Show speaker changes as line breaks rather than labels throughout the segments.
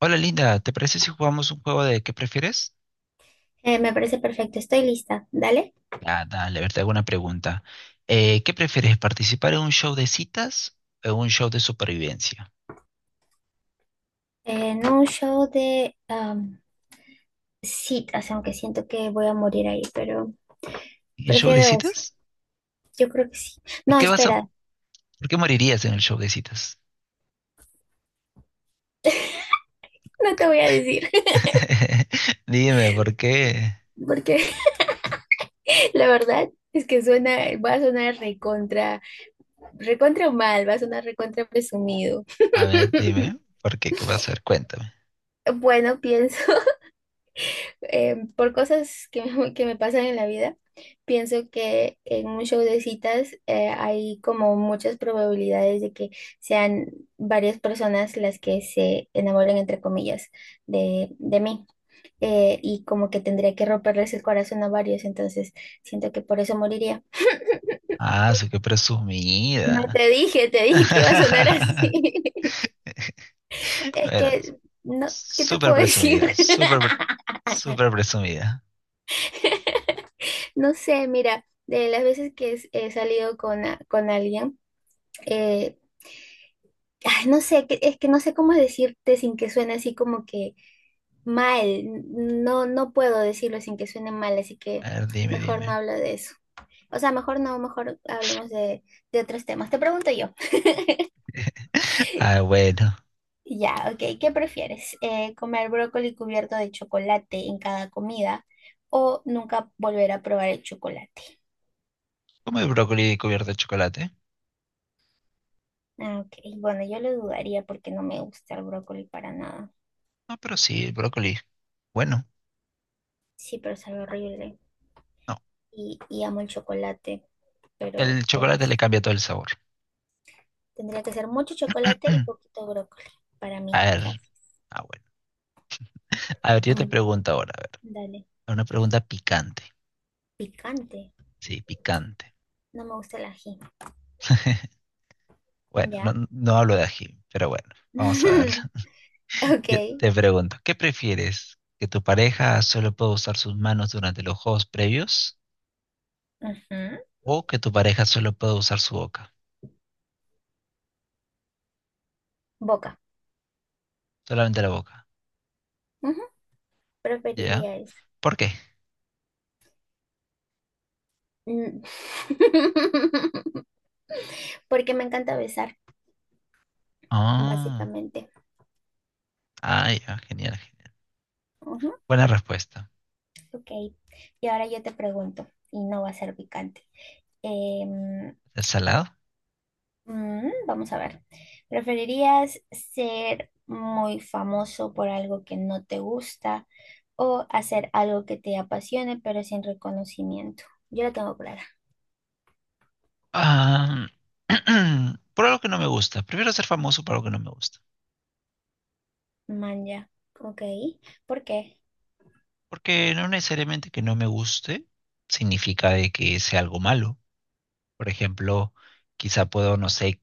Hola Linda, ¿te parece si jugamos un juego de qué prefieres?
Me parece perfecto, estoy lista. Dale.
Ah, dale, a ver, te hago una pregunta. ¿Qué prefieres, participar en un show de citas o en un show de supervivencia?
En un show de citas, aunque siento que voy a morir ahí, pero
¿El show de
prefiero eso.
citas?
Yo creo que sí.
¿Por
No,
qué vas a,
espera,
¿Por qué morirías en el show de citas?
no te voy a decir,
Dime, ¿por qué?
porque la verdad es que suena, va a sonar recontra, recontra mal, va a sonar recontra presumido.
A ver, dime, ¿por qué? ¿Qué vas a hacer? Cuéntame.
Bueno, pienso por cosas que, que me pasan en la vida, pienso que en un show de citas hay como muchas probabilidades de que sean varias personas las que se enamoren, entre comillas, de mí. Y como que tendría que romperles el corazón a varios, entonces siento que por eso moriría.
Ah, su qué
No
presumida.
te dije, te dije que iba a sonar así. Es
Bueno,
que, no, ¿qué te
súper
puedo decir?
presumida, súper, súper presumida.
No sé, mira, de las veces que he salido con, con alguien, eh, ay, no sé, es que no sé cómo decirte sin que suene así como que mal. No, no puedo decirlo sin que suene mal, así que
A ver, dime,
mejor no
dime.
hablo de eso. O sea, mejor no, mejor hablemos de otros temas. Te pregunto yo.
Ah, bueno.
Ya, ok, ¿qué prefieres? ¿Comer brócoli cubierto de chocolate en cada comida o nunca volver a probar el chocolate?
¿Comes brócoli cubierto de chocolate?
Ah, ok, bueno, yo lo dudaría porque no me gusta el brócoli para nada.
No, pero sí, el brócoli. Bueno,
Sí, pero sabe horrible.
no.
Y amo el chocolate, pero
El
por
chocolate
eso
le cambia todo el sabor.
tendría que ser mucho chocolate y poquito brócoli para
A
mí,
ver.
gracias.
Ah, bueno. A ver, yo te
Mm,
pregunto ahora, a ver.
dale,
Una pregunta picante.
picante,
Sí, picante.
no me gusta el ají,
Bueno,
ya.
no, no hablo de ají, pero bueno, vamos a darle.
Ok,
Yo te pregunto, ¿qué prefieres? ¿Que tu pareja solo pueda usar sus manos durante los juegos previos?
ujú.
¿O que tu pareja solo pueda usar su boca?
Boca,
Solamente la boca.
ujú,
¿Ya?
preferiría eso.
¿Por qué?
Mm. Porque me encanta besar,
Ah,
básicamente.
ah, ya, genial, genial.
Ujú,
Buena respuesta.
ok, y ahora yo te pregunto, y no va a ser picante. Em,
¿Es salado?
Mm, vamos a ver. ¿Preferirías ser muy famoso por algo que no te gusta o hacer algo que te apasione pero sin reconocimiento? Yo la tengo clara.
Ah, por algo que no me gusta. Prefiero ser famoso por algo que no me gusta.
Manja. Ok. ¿Por qué?
Porque no necesariamente que no me guste significa de que sea algo malo. Por ejemplo, quizá puedo, no sé,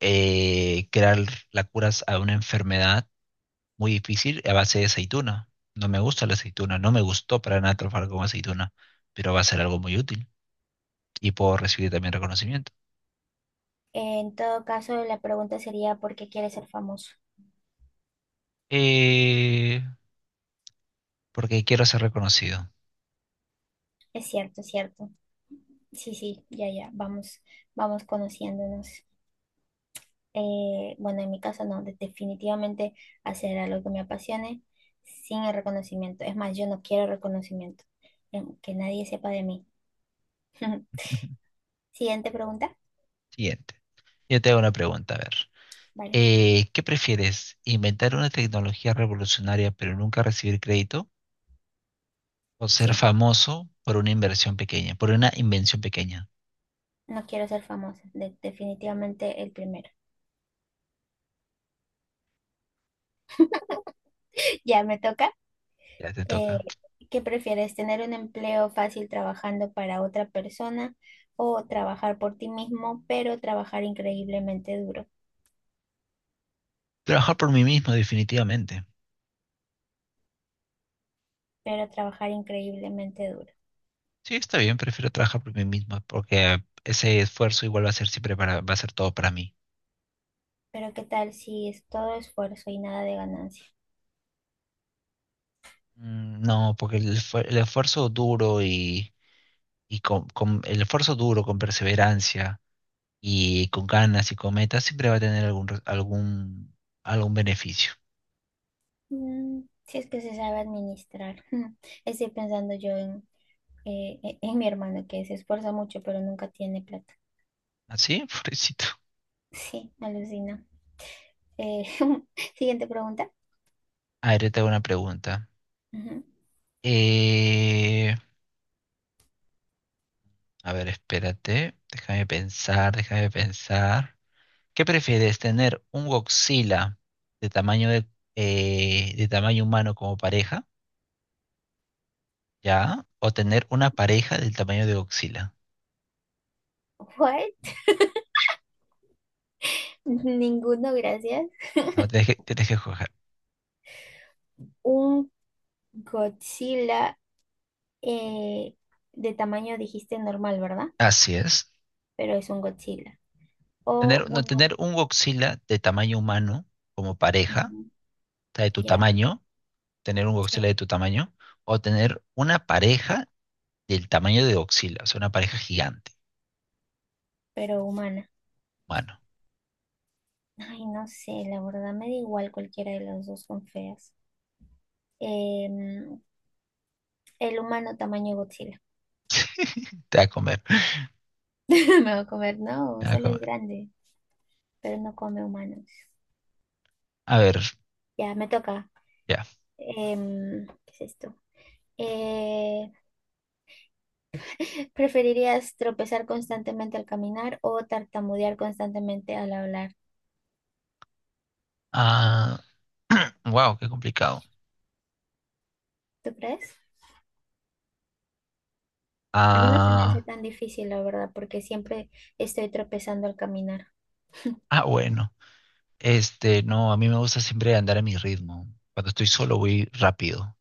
crear la cura a una enfermedad muy difícil a base de aceituna. No me gusta la aceituna, no me gustó para nada trabajar con aceituna, pero va a ser algo muy útil y puedo recibir también reconocimiento.
En todo caso, la pregunta sería ¿por qué quieres ser famoso?
Eh, Porque quiero ser reconocido.
Es cierto, es cierto. Sí, sí, ya, ya. Vamos, vamos conociéndonos. Bueno, en mi caso no, definitivamente hacer algo que me apasione sin el reconocimiento. Es más, yo no quiero reconocimiento, que nadie sepa de mí. Siguiente pregunta.
Siguiente. Yo te hago una pregunta, a ver.
Vale,
¿Qué prefieres? ¿Inventar una tecnología revolucionaria pero nunca recibir crédito? ¿O ser
sí,
famoso por una inversión pequeña, por una invención pequeña?
no quiero ser famosa, definitivamente el primero. Ya me toca.
Ya te
Eh,
toca.
¿Qué prefieres, tener un empleo fácil trabajando para otra persona o trabajar por ti mismo, pero trabajar increíblemente duro?
Trabajar por mí mismo, definitivamente.
Pero trabajar increíblemente duro.
Sí, está bien, prefiero trabajar por mí mismo porque ese esfuerzo igual va a ser siempre para, va a ser todo para mí.
Pero ¿qué tal si es todo esfuerzo y nada de ganancia?
Mm, no, porque el esfuerzo duro y, el esfuerzo duro con perseverancia y con ganas y con metas siempre va a tener algún, algún beneficio.
Mm, si es que se sabe administrar. Estoy pensando yo en, en mi hermano que se esfuerza mucho pero nunca tiene plata.
¿Así? Pobrecito.
Sí, alucina. Eh, siguiente pregunta.
A ver, yo te hago una pregunta.
Ujú.
Eh, a ver, espérate. Déjame pensar, déjame pensar. ¿Qué prefieres, tener un Godzilla de de tamaño humano como pareja? ¿Ya? ¿O tener una pareja del tamaño de Godzilla?
What? Ninguno, gracias.
No, tienes que escoger.
Un Godzilla eh, de tamaño dijiste normal, ¿verdad?
Así es.
Pero es un Godzilla. O
Tener, no,
una...
Tener un Godzilla de tamaño humano como pareja,
ujú,
o sea, de tu
ya,
tamaño, tener un
sí,
Godzilla de tu tamaño, o tener una pareja del tamaño de Godzilla, o sea, una pareja gigante.
pero humana.
Bueno,
Ay, no sé, la verdad me da igual, cualquiera de las dos son feas. Em, el humano tamaño Godzilla.
te va a comer,
Me va a comer,
te
no,
va a
solo es
comer.
grande, pero no come humanos.
A ver,
Ya, me toca.
ya.
Em, ¿qué es esto? Eh, ¿Preferirías tropezar constantemente al caminar o tartamudear constantemente al hablar?
Ah, wow, qué complicado.
¿Tú crees? A mí no se me hace
Ah,
tan difícil, la verdad, porque siempre estoy tropezando al caminar.
ah, bueno. Este, no, a mí me gusta siempre andar a mi ritmo. Cuando estoy solo voy rápido.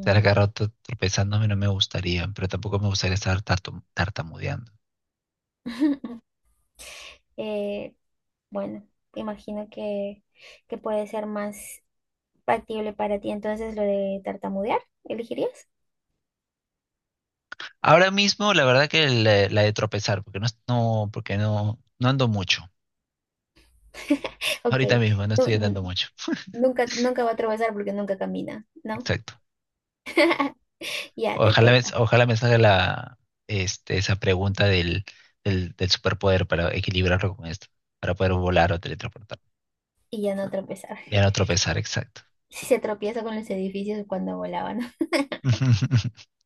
Estar cada rato tropezándome no me gustaría, pero tampoco me gustaría estar tartamudeando.
Eh, bueno, imagino que puede ser más factible para ti entonces lo de tartamudear, ¿elegirías?
Ahora mismo, la verdad que la de tropezar, porque no, porque no, no ando mucho.
Ok,
Ahorita mismo, no
nu-
estoy
n-
andando mucho.
nunca, nunca va a tropezar porque nunca camina, ¿no?
Exacto.
Ya te toca
Ojalá me salga esa pregunta del superpoder para equilibrarlo con esto, para poder volar o teletransportar.
y ya no tropezar.
Ya no tropezar, exacto.
Si se tropieza con los edificios cuando volaban.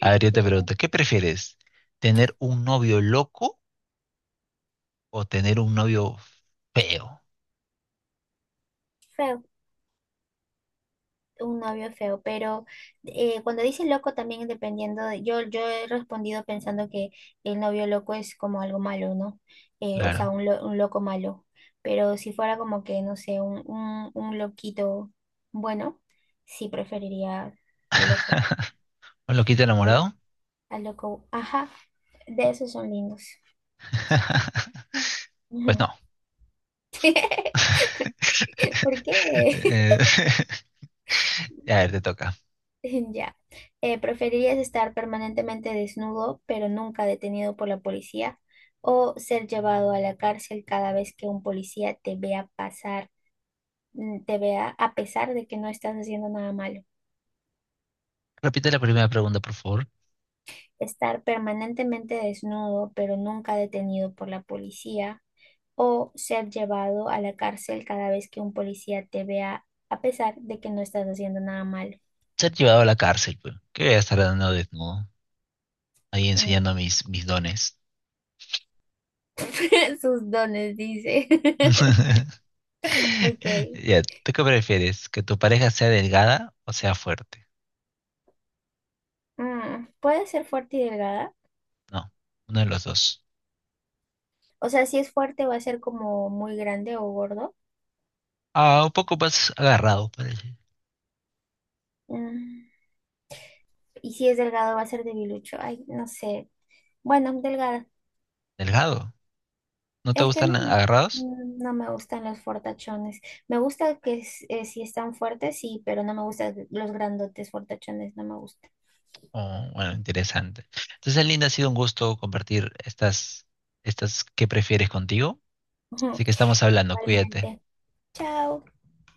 A ver, yo te
Ya.
pregunto, ¿qué prefieres? ¿Tener un novio loco o tener un novio feo?
Feo. Un novio feo, pero cuando dice loco también dependiendo, yo, yo he respondido pensando que el novio loco es como algo malo, ¿no? O sea,
Claro.
un loco malo, pero si fuera como que, no sé, un loquito bueno, sí preferiría al loco,
¿Un loquito
el,
enamorado?
al loco, ajá, de esos son lindos.
Pues no.
¿Por qué?
Eh, a ver, te toca.
Ya. ¿Preferirías estar permanentemente desnudo, pero nunca detenido por la policía, o ser llevado a la cárcel cada vez que un policía te vea pasar, mm, te vea a pesar de que no estás haciendo nada malo?
Repite la primera pregunta, por favor.
Estar permanentemente desnudo, pero nunca detenido por la policía, o ser llevado a la cárcel cada vez que un policía te vea a pesar de que no estás haciendo nada malo.
Ser llevado a la cárcel, pues. ¿Qué voy a estar dando desnudo? Ahí
Mm,
enseñando mis, mis dones.
sus dones, dice. Ok.
Ya, ¿tú qué prefieres? ¿Que tu pareja sea delgada o sea fuerte?
Mm, puede ser fuerte y delgada.
No, uno de los dos.
O sea, si es fuerte va a ser como muy grande o gordo.
Ah, un poco más agarrado, parece.
Mm, y si es delgado va a ser debilucho. Ay, no sé. Bueno, delgada.
¿Delgado? ¿No te
Es que
gustan
no,
agarrados?
mm, no me gustan los fortachones. Me gusta que si están fuertes, sí, pero no me gustan los grandotes fortachones, no me gustan.
Oh, bueno, interesante. Entonces, Linda, ha sido un gusto compartir estas, estas que prefieres contigo.
Ujú.
Así que estamos hablando, cuídate.
Igualmente. Chao.